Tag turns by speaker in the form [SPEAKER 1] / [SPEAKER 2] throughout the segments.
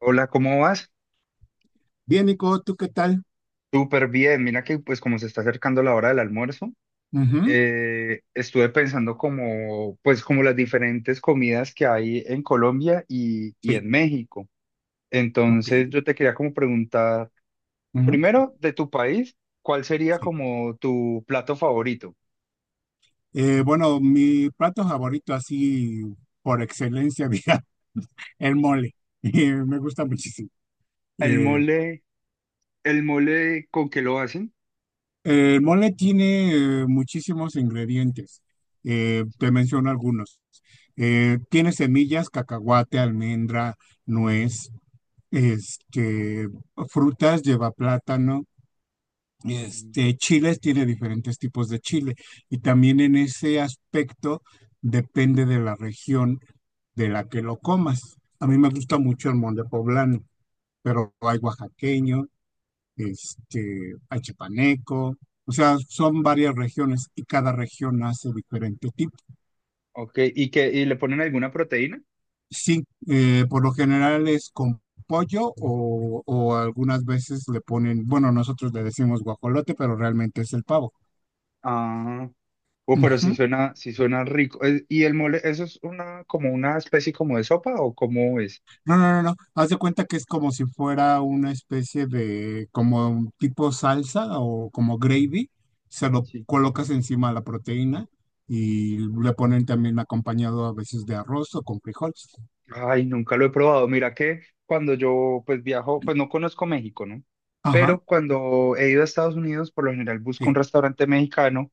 [SPEAKER 1] Hola, ¿cómo vas?
[SPEAKER 2] Bien, Nico, ¿tú qué tal?
[SPEAKER 1] Súper bien. Mira que pues como se está acercando la hora del almuerzo,
[SPEAKER 2] Ujú,
[SPEAKER 1] estuve pensando como pues como las diferentes comidas que hay en Colombia y
[SPEAKER 2] sí,
[SPEAKER 1] en México.
[SPEAKER 2] ok,
[SPEAKER 1] Entonces yo te quería como preguntar,
[SPEAKER 2] ujú,
[SPEAKER 1] primero de tu país, ¿cuál sería
[SPEAKER 2] sí.
[SPEAKER 1] como tu plato favorito?
[SPEAKER 2] Bueno, mi plato favorito así por excelencia, diga, el
[SPEAKER 1] Sí.
[SPEAKER 2] mole. Me gusta muchísimo.
[SPEAKER 1] El
[SPEAKER 2] Eh,
[SPEAKER 1] mole, el mole, ¿con qué lo hacen?
[SPEAKER 2] el mole tiene muchísimos ingredientes. Te menciono algunos. Tiene semillas, cacahuate, almendra, nuez, este, frutas, lleva plátano.
[SPEAKER 1] Mm.
[SPEAKER 2] Chiles, tiene diferentes tipos de chile y también en ese aspecto depende de la región de la que lo comas. A mí me gusta mucho el mole poblano, pero hay oaxaqueño, hay chipaneco, o sea, son varias regiones y cada región hace diferente tipo.
[SPEAKER 1] Ok, ¿y que y le ponen alguna proteína?
[SPEAKER 2] Sí, por lo general es con pollo o algunas veces le ponen, bueno, nosotros le decimos guajolote, pero realmente es el pavo.
[SPEAKER 1] Ah. Pero
[SPEAKER 2] Ujú.
[SPEAKER 1] si suena rico. ¿Y el mole, eso es como una especie como de sopa o cómo es?
[SPEAKER 2] No, no, no, no. Haz de cuenta que es como si fuera una especie de, como un tipo salsa o como gravy. Se lo
[SPEAKER 1] Sí.
[SPEAKER 2] colocas encima de la proteína y le ponen también acompañado a veces de arroz o con frijoles.
[SPEAKER 1] Ay, nunca lo he probado. Mira que cuando yo pues viajo, pues no conozco México, ¿no?
[SPEAKER 2] Ajá,
[SPEAKER 1] Pero cuando he ido a Estados Unidos, por lo general busco
[SPEAKER 2] sí,
[SPEAKER 1] un restaurante mexicano,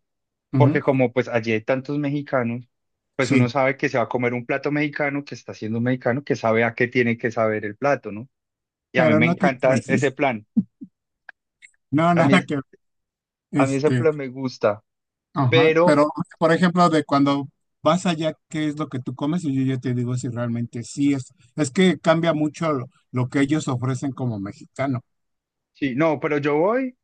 [SPEAKER 2] ujú,
[SPEAKER 1] porque como pues allí hay tantos mexicanos, pues uno
[SPEAKER 2] sí,
[SPEAKER 1] sabe que se va a comer un plato mexicano, que está siendo un mexicano, que sabe a qué tiene que saber el plato, ¿no? Y a mí
[SPEAKER 2] pero
[SPEAKER 1] me
[SPEAKER 2] no te
[SPEAKER 1] encanta ese
[SPEAKER 2] crees.
[SPEAKER 1] plan.
[SPEAKER 2] No,
[SPEAKER 1] A
[SPEAKER 2] nada
[SPEAKER 1] mí,
[SPEAKER 2] que ver.
[SPEAKER 1] a mí ese
[SPEAKER 2] Este,
[SPEAKER 1] plan me gusta.
[SPEAKER 2] ajá,
[SPEAKER 1] Pero,
[SPEAKER 2] pero por ejemplo, de cuando vas allá, ¿qué es lo que tú comes? Y yo ya te digo si realmente sí es. Es que cambia mucho lo que ellos ofrecen como mexicano.
[SPEAKER 1] sí, no, pero yo voy.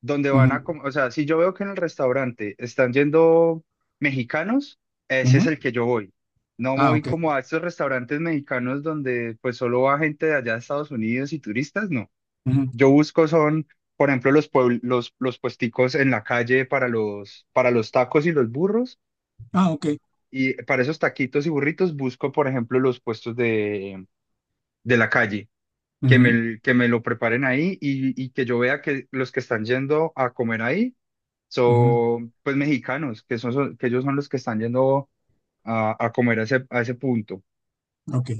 [SPEAKER 1] Donde van a,
[SPEAKER 2] Ujú,
[SPEAKER 1] com- O sea, si yo veo que en el restaurante están yendo mexicanos, ese es
[SPEAKER 2] ujú.
[SPEAKER 1] el que yo voy. No
[SPEAKER 2] Ah,
[SPEAKER 1] voy
[SPEAKER 2] ok.
[SPEAKER 1] como a estos restaurantes mexicanos donde pues solo va gente de allá de Estados Unidos y turistas, no.
[SPEAKER 2] Ujú.
[SPEAKER 1] Yo busco son, por ejemplo, los puesticos en la calle para los, tacos y los burros.
[SPEAKER 2] Ah, ok.
[SPEAKER 1] Y para esos taquitos y burritos busco, por ejemplo, los puestos de la calle, que
[SPEAKER 2] Ujú,
[SPEAKER 1] me, que me lo preparen ahí y que yo vea que los que están yendo a comer ahí
[SPEAKER 2] ujú,
[SPEAKER 1] son pues mexicanos, que ellos son los que están yendo a comer a ese punto.
[SPEAKER 2] ok.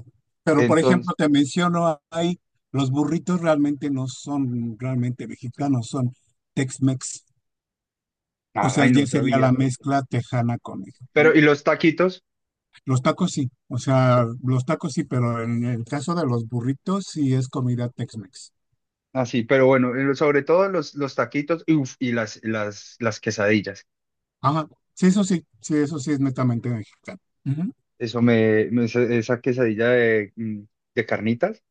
[SPEAKER 2] Pero, por
[SPEAKER 1] Entonces,
[SPEAKER 2] ejemplo, te menciono ahí, los burritos realmente no son realmente mexicanos, son Tex-Mex. O sea,
[SPEAKER 1] ay, no
[SPEAKER 2] ya sería la
[SPEAKER 1] sabía.
[SPEAKER 2] mezcla tejana con mexicano.
[SPEAKER 1] Pero, y los taquitos,
[SPEAKER 2] Los tacos sí, o sea, los tacos sí, pero en el caso de los burritos sí es comida Tex-Mex.
[SPEAKER 1] así, pero bueno, sobre todo los taquitos y, uf, y las quesadillas.
[SPEAKER 2] Ajá. Sí, eso sí es netamente mexicano. Ujú.
[SPEAKER 1] Eso me, me- esa esa quesadilla de carnitas,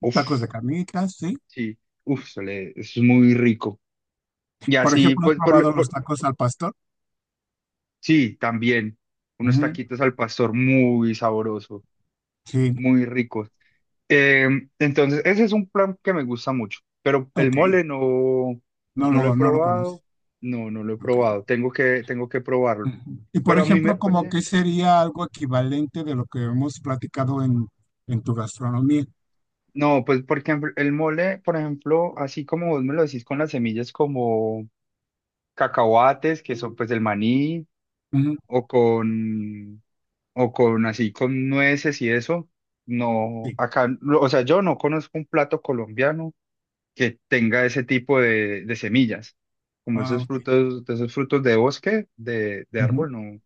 [SPEAKER 1] uff,
[SPEAKER 2] Tacos de carnitas, sí.
[SPEAKER 1] sí, uff, es muy rico. Y
[SPEAKER 2] Por
[SPEAKER 1] así,
[SPEAKER 2] ejemplo, ¿has
[SPEAKER 1] pues,
[SPEAKER 2] probado los tacos al pastor?
[SPEAKER 1] sí, también, unos
[SPEAKER 2] Ujú,
[SPEAKER 1] taquitos al pastor muy sabroso,
[SPEAKER 2] sí,
[SPEAKER 1] muy rico. Eh, entonces, ese es un plan que me gusta mucho, pero el
[SPEAKER 2] ok.
[SPEAKER 1] mole no,
[SPEAKER 2] No
[SPEAKER 1] no lo he
[SPEAKER 2] lo, no lo conoces.
[SPEAKER 1] probado, no, no lo he
[SPEAKER 2] Ok.
[SPEAKER 1] probado, tengo que probarlo,
[SPEAKER 2] Ujú. Y por
[SPEAKER 1] pero a mí me
[SPEAKER 2] ejemplo, como
[SPEAKER 1] parece,
[SPEAKER 2] que sería algo equivalente de lo que hemos platicado en tu gastronomía.
[SPEAKER 1] no, pues porque el mole, por ejemplo, así como vos me lo decís con las semillas como cacahuates, que son pues el maní,
[SPEAKER 2] Ujú,
[SPEAKER 1] o con, o con así con nueces y eso, no,
[SPEAKER 2] sí.
[SPEAKER 1] acá, no, o sea, yo no conozco un plato colombiano que tenga ese tipo de semillas. Como
[SPEAKER 2] Ah, ok.
[SPEAKER 1] esos frutos de bosque, de
[SPEAKER 2] Ujú,
[SPEAKER 1] árbol, no,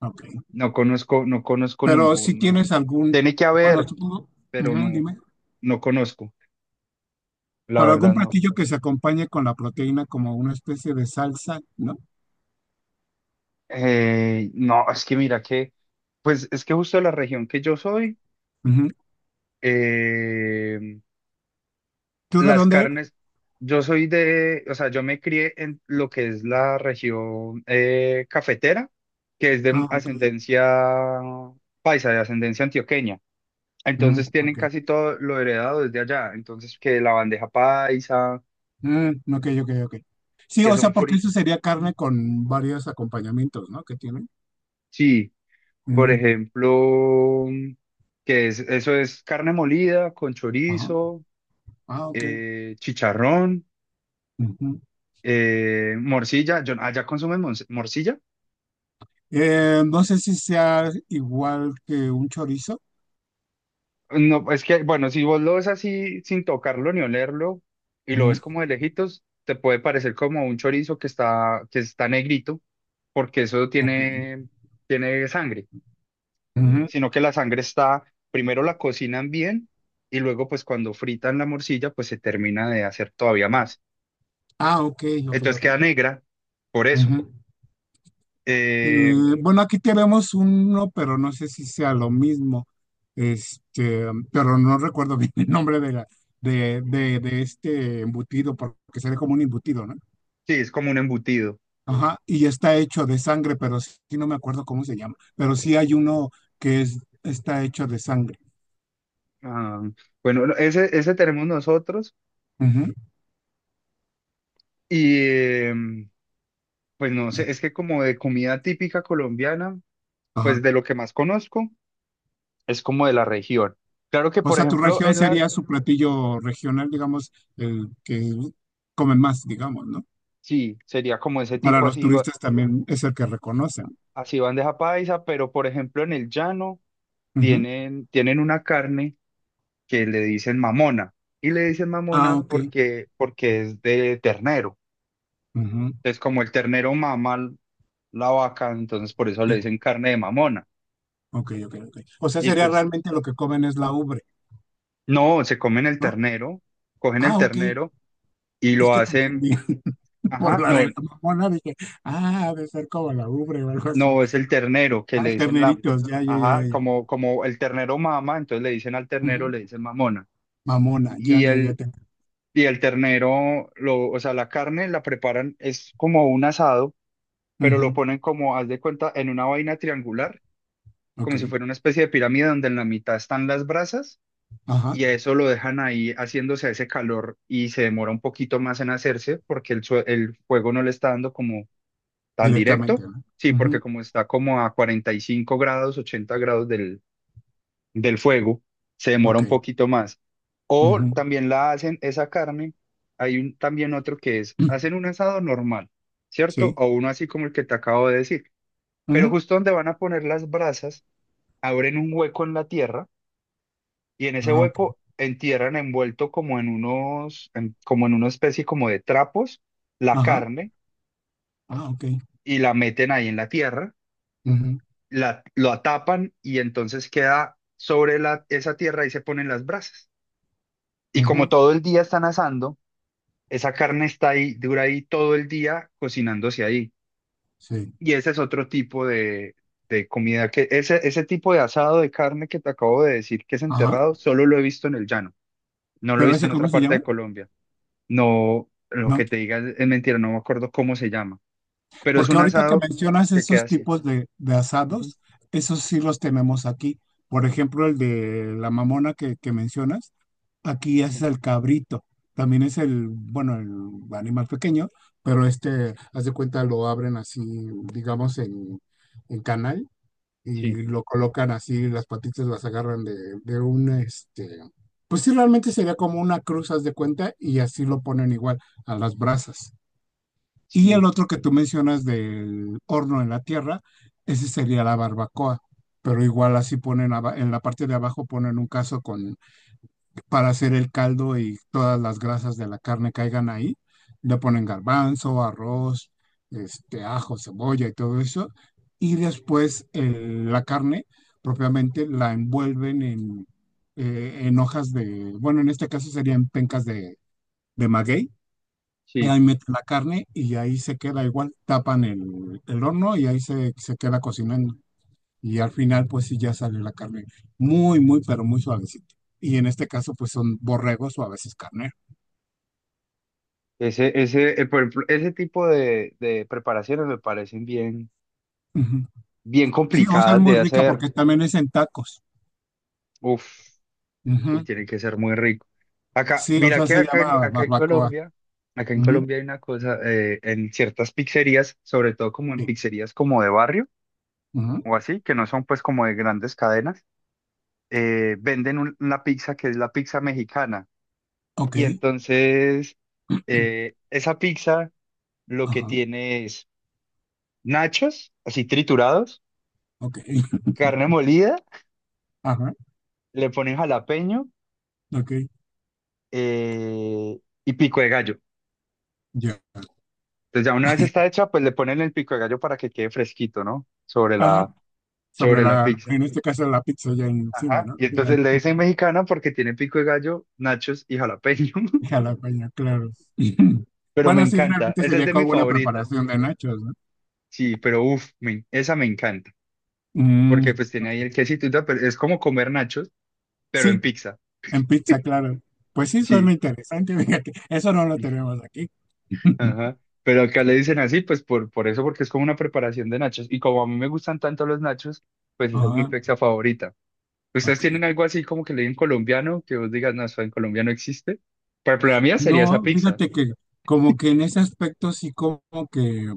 [SPEAKER 2] ok.
[SPEAKER 1] no conozco
[SPEAKER 2] Pero si
[SPEAKER 1] ninguno.
[SPEAKER 2] tienes algún,
[SPEAKER 1] Tiene que
[SPEAKER 2] bueno,
[SPEAKER 1] haber,
[SPEAKER 2] supongo,
[SPEAKER 1] pero
[SPEAKER 2] ujú,
[SPEAKER 1] no,
[SPEAKER 2] dime,
[SPEAKER 1] no conozco, la
[SPEAKER 2] pero algún
[SPEAKER 1] verdad no.
[SPEAKER 2] platillo que se acompañe con la proteína como una especie de salsa, ¿no?
[SPEAKER 1] No, es que mira que, pues es que justo la región que yo soy,
[SPEAKER 2] Ujú.
[SPEAKER 1] eh,
[SPEAKER 2] ¿Tú de
[SPEAKER 1] las
[SPEAKER 2] dónde eres?
[SPEAKER 1] carnes, yo soy de, o sea, yo me crié en lo que es la región cafetera, que es de
[SPEAKER 2] Ah, ok.
[SPEAKER 1] ascendencia paisa, de ascendencia antioqueña.
[SPEAKER 2] Mm,
[SPEAKER 1] Entonces tienen
[SPEAKER 2] ok.
[SPEAKER 1] casi todo lo heredado desde allá. Entonces, que la bandeja paisa,
[SPEAKER 2] Mm, ok, ok, ok. Sí,
[SPEAKER 1] que
[SPEAKER 2] o sea,
[SPEAKER 1] son
[SPEAKER 2] porque
[SPEAKER 1] fríos.
[SPEAKER 2] eso sería carne con varios acompañamientos, ¿no? Que tiene.
[SPEAKER 1] Sí, por
[SPEAKER 2] Mm,
[SPEAKER 1] ejemplo, eso es carne molida con
[SPEAKER 2] ajá.
[SPEAKER 1] chorizo,
[SPEAKER 2] Ah, ok.
[SPEAKER 1] chicharrón,
[SPEAKER 2] Ujú.
[SPEAKER 1] morcilla. ¿Allá consumen morcilla?
[SPEAKER 2] No sé si sea igual que un chorizo.
[SPEAKER 1] No, es que, bueno, si vos lo ves así sin tocarlo ni olerlo y lo ves
[SPEAKER 2] Ujú.
[SPEAKER 1] como de lejitos, te puede parecer como un chorizo que está, negrito, porque eso
[SPEAKER 2] Ok.
[SPEAKER 1] tiene sangre,
[SPEAKER 2] Ujú.
[SPEAKER 1] sino que la sangre está, primero la cocinan bien y luego pues cuando fritan la morcilla pues se termina de hacer todavía más.
[SPEAKER 2] Ah, ok, ok,
[SPEAKER 1] Entonces queda
[SPEAKER 2] ok.
[SPEAKER 1] negra por eso.
[SPEAKER 2] Ujú. Eh,
[SPEAKER 1] Eh,
[SPEAKER 2] bueno, aquí tenemos uno, pero no sé si sea lo mismo. Este, pero no recuerdo bien el nombre de la, de este embutido, porque sería como un embutido, ¿no?
[SPEAKER 1] sí, es como un embutido.
[SPEAKER 2] Ajá. Y está hecho de sangre, pero sí no me acuerdo cómo se llama. Pero sí hay uno que es, está hecho de sangre.
[SPEAKER 1] Ah, bueno, ese tenemos nosotros
[SPEAKER 2] Ujú.
[SPEAKER 1] y em, pues no sé, es que como de comida típica colombiana,
[SPEAKER 2] Ajá.
[SPEAKER 1] pues de lo que más conozco es como de la región. Claro que,
[SPEAKER 2] O
[SPEAKER 1] por
[SPEAKER 2] sea, tu
[SPEAKER 1] ejemplo,
[SPEAKER 2] región
[SPEAKER 1] en la,
[SPEAKER 2] sería su platillo regional, digamos, el que comen más, digamos, ¿no?
[SPEAKER 1] sí, sería como ese
[SPEAKER 2] Para
[SPEAKER 1] tipo
[SPEAKER 2] los
[SPEAKER 1] así,
[SPEAKER 2] turistas también es el que reconocen.
[SPEAKER 1] así bandeja paisa, pero por ejemplo en el llano
[SPEAKER 2] Ujú.
[SPEAKER 1] tienen una carne que le dicen mamona. Y le dicen
[SPEAKER 2] Ah,
[SPEAKER 1] mamona
[SPEAKER 2] ok.
[SPEAKER 1] porque es de ternero.
[SPEAKER 2] Ujú.
[SPEAKER 1] Entonces, como el ternero mama la vaca, entonces por eso le
[SPEAKER 2] Sí.
[SPEAKER 1] dicen carne de mamona.
[SPEAKER 2] Ok, ok, ok. O sea,
[SPEAKER 1] Y
[SPEAKER 2] sería
[SPEAKER 1] entonces,
[SPEAKER 2] realmente lo que comen es la ubre,
[SPEAKER 1] no, se comen el
[SPEAKER 2] ¿no?
[SPEAKER 1] ternero, cogen el
[SPEAKER 2] Ah, ok.
[SPEAKER 1] ternero y
[SPEAKER 2] Es
[SPEAKER 1] lo
[SPEAKER 2] que te
[SPEAKER 1] hacen.
[SPEAKER 2] entendí por
[SPEAKER 1] Ajá,
[SPEAKER 2] la de
[SPEAKER 1] no,
[SPEAKER 2] la mamona, dije, ah, ha de ser como la ubre o algo así.
[SPEAKER 1] no, es el ternero que
[SPEAKER 2] Ah,
[SPEAKER 1] le dicen la,
[SPEAKER 2] terneritos, ya, ya, ya,
[SPEAKER 1] ajá,
[SPEAKER 2] ya, ya.
[SPEAKER 1] como el ternero mama, entonces le dicen al ternero,
[SPEAKER 2] Ujú.
[SPEAKER 1] le dicen mamona.
[SPEAKER 2] Mamona, ya,
[SPEAKER 1] Y
[SPEAKER 2] ya, ya.
[SPEAKER 1] el,
[SPEAKER 2] Te...
[SPEAKER 1] y el ternero, lo, o sea, la carne la preparan, es como un asado, pero lo
[SPEAKER 2] Ujú.
[SPEAKER 1] ponen como, haz de cuenta, en una vaina triangular,
[SPEAKER 2] Ok.
[SPEAKER 1] como si fuera una especie de pirámide donde en la mitad están las brasas,
[SPEAKER 2] Ajá.
[SPEAKER 1] y a eso lo dejan ahí haciéndose ese calor y se demora un poquito más en hacerse porque el fuego no le está dando como tan
[SPEAKER 2] Directamente,
[SPEAKER 1] directo.
[SPEAKER 2] ¿no?
[SPEAKER 1] Sí, porque
[SPEAKER 2] Ujú.
[SPEAKER 1] como está como a 45 grados, 80 grados del fuego, se demora un
[SPEAKER 2] Ok.
[SPEAKER 1] poquito más. O
[SPEAKER 2] Ujú.
[SPEAKER 1] también la hacen esa carne. Hay un, también otro hacen un asado normal, ¿cierto?
[SPEAKER 2] Sí.
[SPEAKER 1] O uno así como el que te acabo de decir. Pero
[SPEAKER 2] Ujú.
[SPEAKER 1] justo donde van a poner las brasas, abren un hueco en la tierra y en ese
[SPEAKER 2] Ah, ok.
[SPEAKER 1] hueco entierran envuelto como en una especie como de trapos, la
[SPEAKER 2] Ajá.
[SPEAKER 1] carne
[SPEAKER 2] Ah, ok.
[SPEAKER 1] y la meten ahí en la tierra
[SPEAKER 2] Ujú,
[SPEAKER 1] lo atapan y entonces queda sobre esa tierra y se ponen las brasas. Y como
[SPEAKER 2] ujú.
[SPEAKER 1] todo el día están asando, esa carne está ahí, dura ahí todo el día cocinándose ahí.
[SPEAKER 2] Sí.
[SPEAKER 1] Y ese es otro tipo de comida que, ese tipo de asado de carne que te acabo de decir que es
[SPEAKER 2] Ajá.
[SPEAKER 1] enterrado, solo lo he visto en el llano, no lo he
[SPEAKER 2] ¿Pero
[SPEAKER 1] visto
[SPEAKER 2] ese
[SPEAKER 1] en
[SPEAKER 2] cómo
[SPEAKER 1] otra
[SPEAKER 2] se
[SPEAKER 1] parte
[SPEAKER 2] llama?
[SPEAKER 1] de Colombia. No, lo
[SPEAKER 2] No.
[SPEAKER 1] que te diga es mentira, no me acuerdo cómo se llama, pero es
[SPEAKER 2] Porque
[SPEAKER 1] un
[SPEAKER 2] ahorita que
[SPEAKER 1] asado
[SPEAKER 2] mencionas
[SPEAKER 1] que queda
[SPEAKER 2] esos
[SPEAKER 1] así.
[SPEAKER 2] tipos de
[SPEAKER 1] Ujú,
[SPEAKER 2] asados, esos sí los tenemos aquí. Por ejemplo, el de la mamona que mencionas, aquí
[SPEAKER 1] sí,
[SPEAKER 2] es el cabrito. También es el, bueno, el animal pequeño, pero haz de cuenta, lo abren así, digamos, en canal
[SPEAKER 1] sí,
[SPEAKER 2] y lo colocan así, las patitas las agarran de un, pues sí, realmente sería como una cruz, haz de cuenta, y así lo ponen igual a las brasas. Y el
[SPEAKER 1] sí,
[SPEAKER 2] otro que tú mencionas del horno en la tierra, ese sería la barbacoa, pero igual así ponen en la parte de abajo ponen un caso con para hacer el caldo y todas las grasas de la carne caigan ahí. Le ponen garbanzo, arroz, ajo, cebolla y todo eso. Y después la carne propiamente la envuelven en hojas de, bueno, en este caso serían pencas de maguey. Y
[SPEAKER 1] sí.
[SPEAKER 2] ahí meten la carne y ahí se queda igual, tapan el horno y ahí se, se queda cocinando y al final pues sí ya sale la carne muy, muy, pero muy suavecita. Y en este caso pues son borregos o a veces carne.
[SPEAKER 1] Ese, por ejemplo, ese tipo de preparaciones me parecen bien,
[SPEAKER 2] Ujú.
[SPEAKER 1] bien
[SPEAKER 2] Sí, o sea, es
[SPEAKER 1] complicadas
[SPEAKER 2] muy
[SPEAKER 1] de
[SPEAKER 2] rica
[SPEAKER 1] hacer.
[SPEAKER 2] porque también es en tacos.
[SPEAKER 1] Uf, uy,
[SPEAKER 2] Ujú.
[SPEAKER 1] tiene que ser muy rico. Acá,
[SPEAKER 2] Sí, o
[SPEAKER 1] mira
[SPEAKER 2] sea,
[SPEAKER 1] que
[SPEAKER 2] se
[SPEAKER 1] acá,
[SPEAKER 2] llama
[SPEAKER 1] acá en
[SPEAKER 2] barbacoa.
[SPEAKER 1] Colombia, acá en
[SPEAKER 2] Ujú,
[SPEAKER 1] Colombia hay una cosa, en ciertas pizzerías, sobre todo como en
[SPEAKER 2] sí.
[SPEAKER 1] pizzerías como de barrio
[SPEAKER 2] Ujú.
[SPEAKER 1] o así, que no son pues como de grandes cadenas, venden una pizza que es la pizza mexicana.
[SPEAKER 2] Ok,
[SPEAKER 1] Y entonces, esa pizza lo que
[SPEAKER 2] ajá,
[SPEAKER 1] tiene es nachos, así triturados,
[SPEAKER 2] ok,
[SPEAKER 1] carne molida,
[SPEAKER 2] ajá,
[SPEAKER 1] le ponen jalapeño,
[SPEAKER 2] ok,
[SPEAKER 1] eh, y pico de gallo.
[SPEAKER 2] ya.
[SPEAKER 1] Entonces ya una vez está hecha, pues le ponen el pico de gallo para que quede fresquito, ¿no? Sobre la,
[SPEAKER 2] Ajá, sobre
[SPEAKER 1] sobre la
[SPEAKER 2] la,
[SPEAKER 1] pizza.
[SPEAKER 2] en este caso la pizza ya encima,
[SPEAKER 1] Ajá.
[SPEAKER 2] ¿no?
[SPEAKER 1] Y entonces
[SPEAKER 2] Gigante.
[SPEAKER 1] le dicen
[SPEAKER 2] Ujú.
[SPEAKER 1] mexicana porque tiene pico de gallo, nachos y jalapeño.
[SPEAKER 2] Jalapeño, claro.
[SPEAKER 1] Pero me
[SPEAKER 2] Bueno, sí,
[SPEAKER 1] encanta.
[SPEAKER 2] realmente
[SPEAKER 1] Esa es
[SPEAKER 2] sería
[SPEAKER 1] de mis
[SPEAKER 2] como una
[SPEAKER 1] favoritas.
[SPEAKER 2] preparación de nachos, ¿no?
[SPEAKER 1] Sí, pero uff, esa me encanta.
[SPEAKER 2] Mm,
[SPEAKER 1] Porque pues tiene ahí
[SPEAKER 2] ok.
[SPEAKER 1] el quesito y tal, pero es como comer nachos, pero en
[SPEAKER 2] Sí,
[SPEAKER 1] pizza.
[SPEAKER 2] en pizza, claro. Pues sí,
[SPEAKER 1] Sí.
[SPEAKER 2] suena interesante, fíjate. Eso no lo tenemos aquí.
[SPEAKER 1] Ajá. Pero acá le dicen así, pues por eso, porque es como una preparación de nachos. Y como a mí me gustan tanto los nachos, pues esa es mi
[SPEAKER 2] Ajá,
[SPEAKER 1] pizza favorita. ¿Ustedes
[SPEAKER 2] ok.
[SPEAKER 1] tienen algo así como que le digan colombiano, que vos digas, no, eso en Colombia no existe? Por ejemplo, la mía sería esa
[SPEAKER 2] No,
[SPEAKER 1] pizza.
[SPEAKER 2] fíjate que como que en ese aspecto sí como que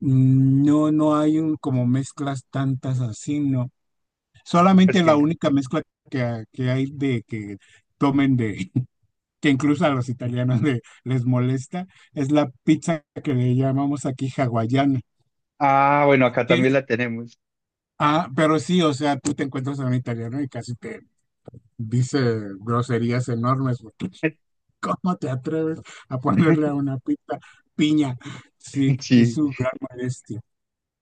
[SPEAKER 2] mm, no, no hay un como mezclas tantas así, ¿no?
[SPEAKER 1] Es
[SPEAKER 2] Solamente la
[SPEAKER 1] que,
[SPEAKER 2] única mezcla que hay de que tomen de, que incluso a los italianos de- les molesta, es la pizza que le llamamos aquí hawaiana.
[SPEAKER 1] ah, bueno, acá también
[SPEAKER 2] ¿Qué?
[SPEAKER 1] la tenemos.
[SPEAKER 2] Ah, pero sí, o sea, tú te encuentras a un italiano y casi te dice groserías enormes, porque ¿cómo te atreves a ponerle a una pita piña? Sí, es
[SPEAKER 1] Sí,
[SPEAKER 2] su gran molestia.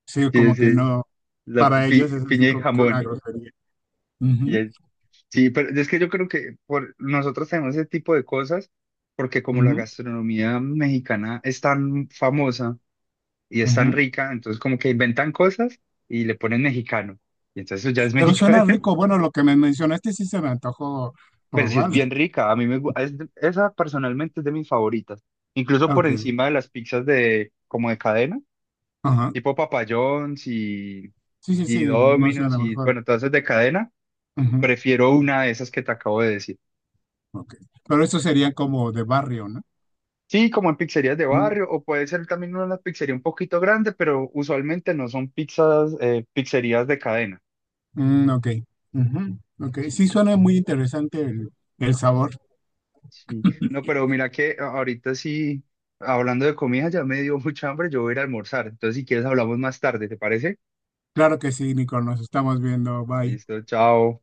[SPEAKER 2] Sí,
[SPEAKER 1] sí,
[SPEAKER 2] como que
[SPEAKER 1] sí.
[SPEAKER 2] no,
[SPEAKER 1] La
[SPEAKER 2] para ellos
[SPEAKER 1] pi-
[SPEAKER 2] es así
[SPEAKER 1] piña y
[SPEAKER 2] como que una
[SPEAKER 1] jamón.
[SPEAKER 2] grosería.
[SPEAKER 1] Y
[SPEAKER 2] Ujú,
[SPEAKER 1] el- sí, pero es que yo creo que nosotros tenemos ese tipo de cosas porque como la
[SPEAKER 2] ujú,
[SPEAKER 1] gastronomía mexicana es tan famosa, y es tan
[SPEAKER 2] ujú.
[SPEAKER 1] rica, entonces como que inventan cosas y le ponen mexicano. Y entonces eso ya es
[SPEAKER 2] Pero
[SPEAKER 1] mexicano,
[SPEAKER 2] suena rico, bueno, lo que me mencionaste sí se me antojó
[SPEAKER 1] pero sí es
[SPEAKER 2] probarlo.
[SPEAKER 1] bien rica. A mí me gu- es de- Esa personalmente es de mis favoritas, incluso por
[SPEAKER 2] Ok,
[SPEAKER 1] encima de las pizzas de como de cadena,
[SPEAKER 2] ajá.
[SPEAKER 1] tipo Papa John's y
[SPEAKER 2] Sí, sí,
[SPEAKER 1] y
[SPEAKER 2] sí, no sé, a
[SPEAKER 1] Domino's
[SPEAKER 2] lo
[SPEAKER 1] y
[SPEAKER 2] mejor.
[SPEAKER 1] bueno, todas esas de cadena,
[SPEAKER 2] Ujú,
[SPEAKER 1] prefiero una de esas que te acabo de decir.
[SPEAKER 2] ok. Pero eso sería como de barrio, ¿no?
[SPEAKER 1] Sí, como en pizzerías de
[SPEAKER 2] Mm,
[SPEAKER 1] barrio, o puede ser también una pizzería un poquito grande, pero usualmente no son pizzerías de cadena.
[SPEAKER 2] mm, ok. Ujú, ok.
[SPEAKER 1] Sí.
[SPEAKER 2] Sí, suena muy interesante el sabor.
[SPEAKER 1] Sí. No, pero mira que ahorita sí, hablando de comida, ya me dio mucha hambre, yo voy a ir a almorzar. Entonces, si quieres, hablamos más tarde, ¿te parece?
[SPEAKER 2] Claro que sí, Nico, nos estamos viendo. Bye.
[SPEAKER 1] Listo, chao.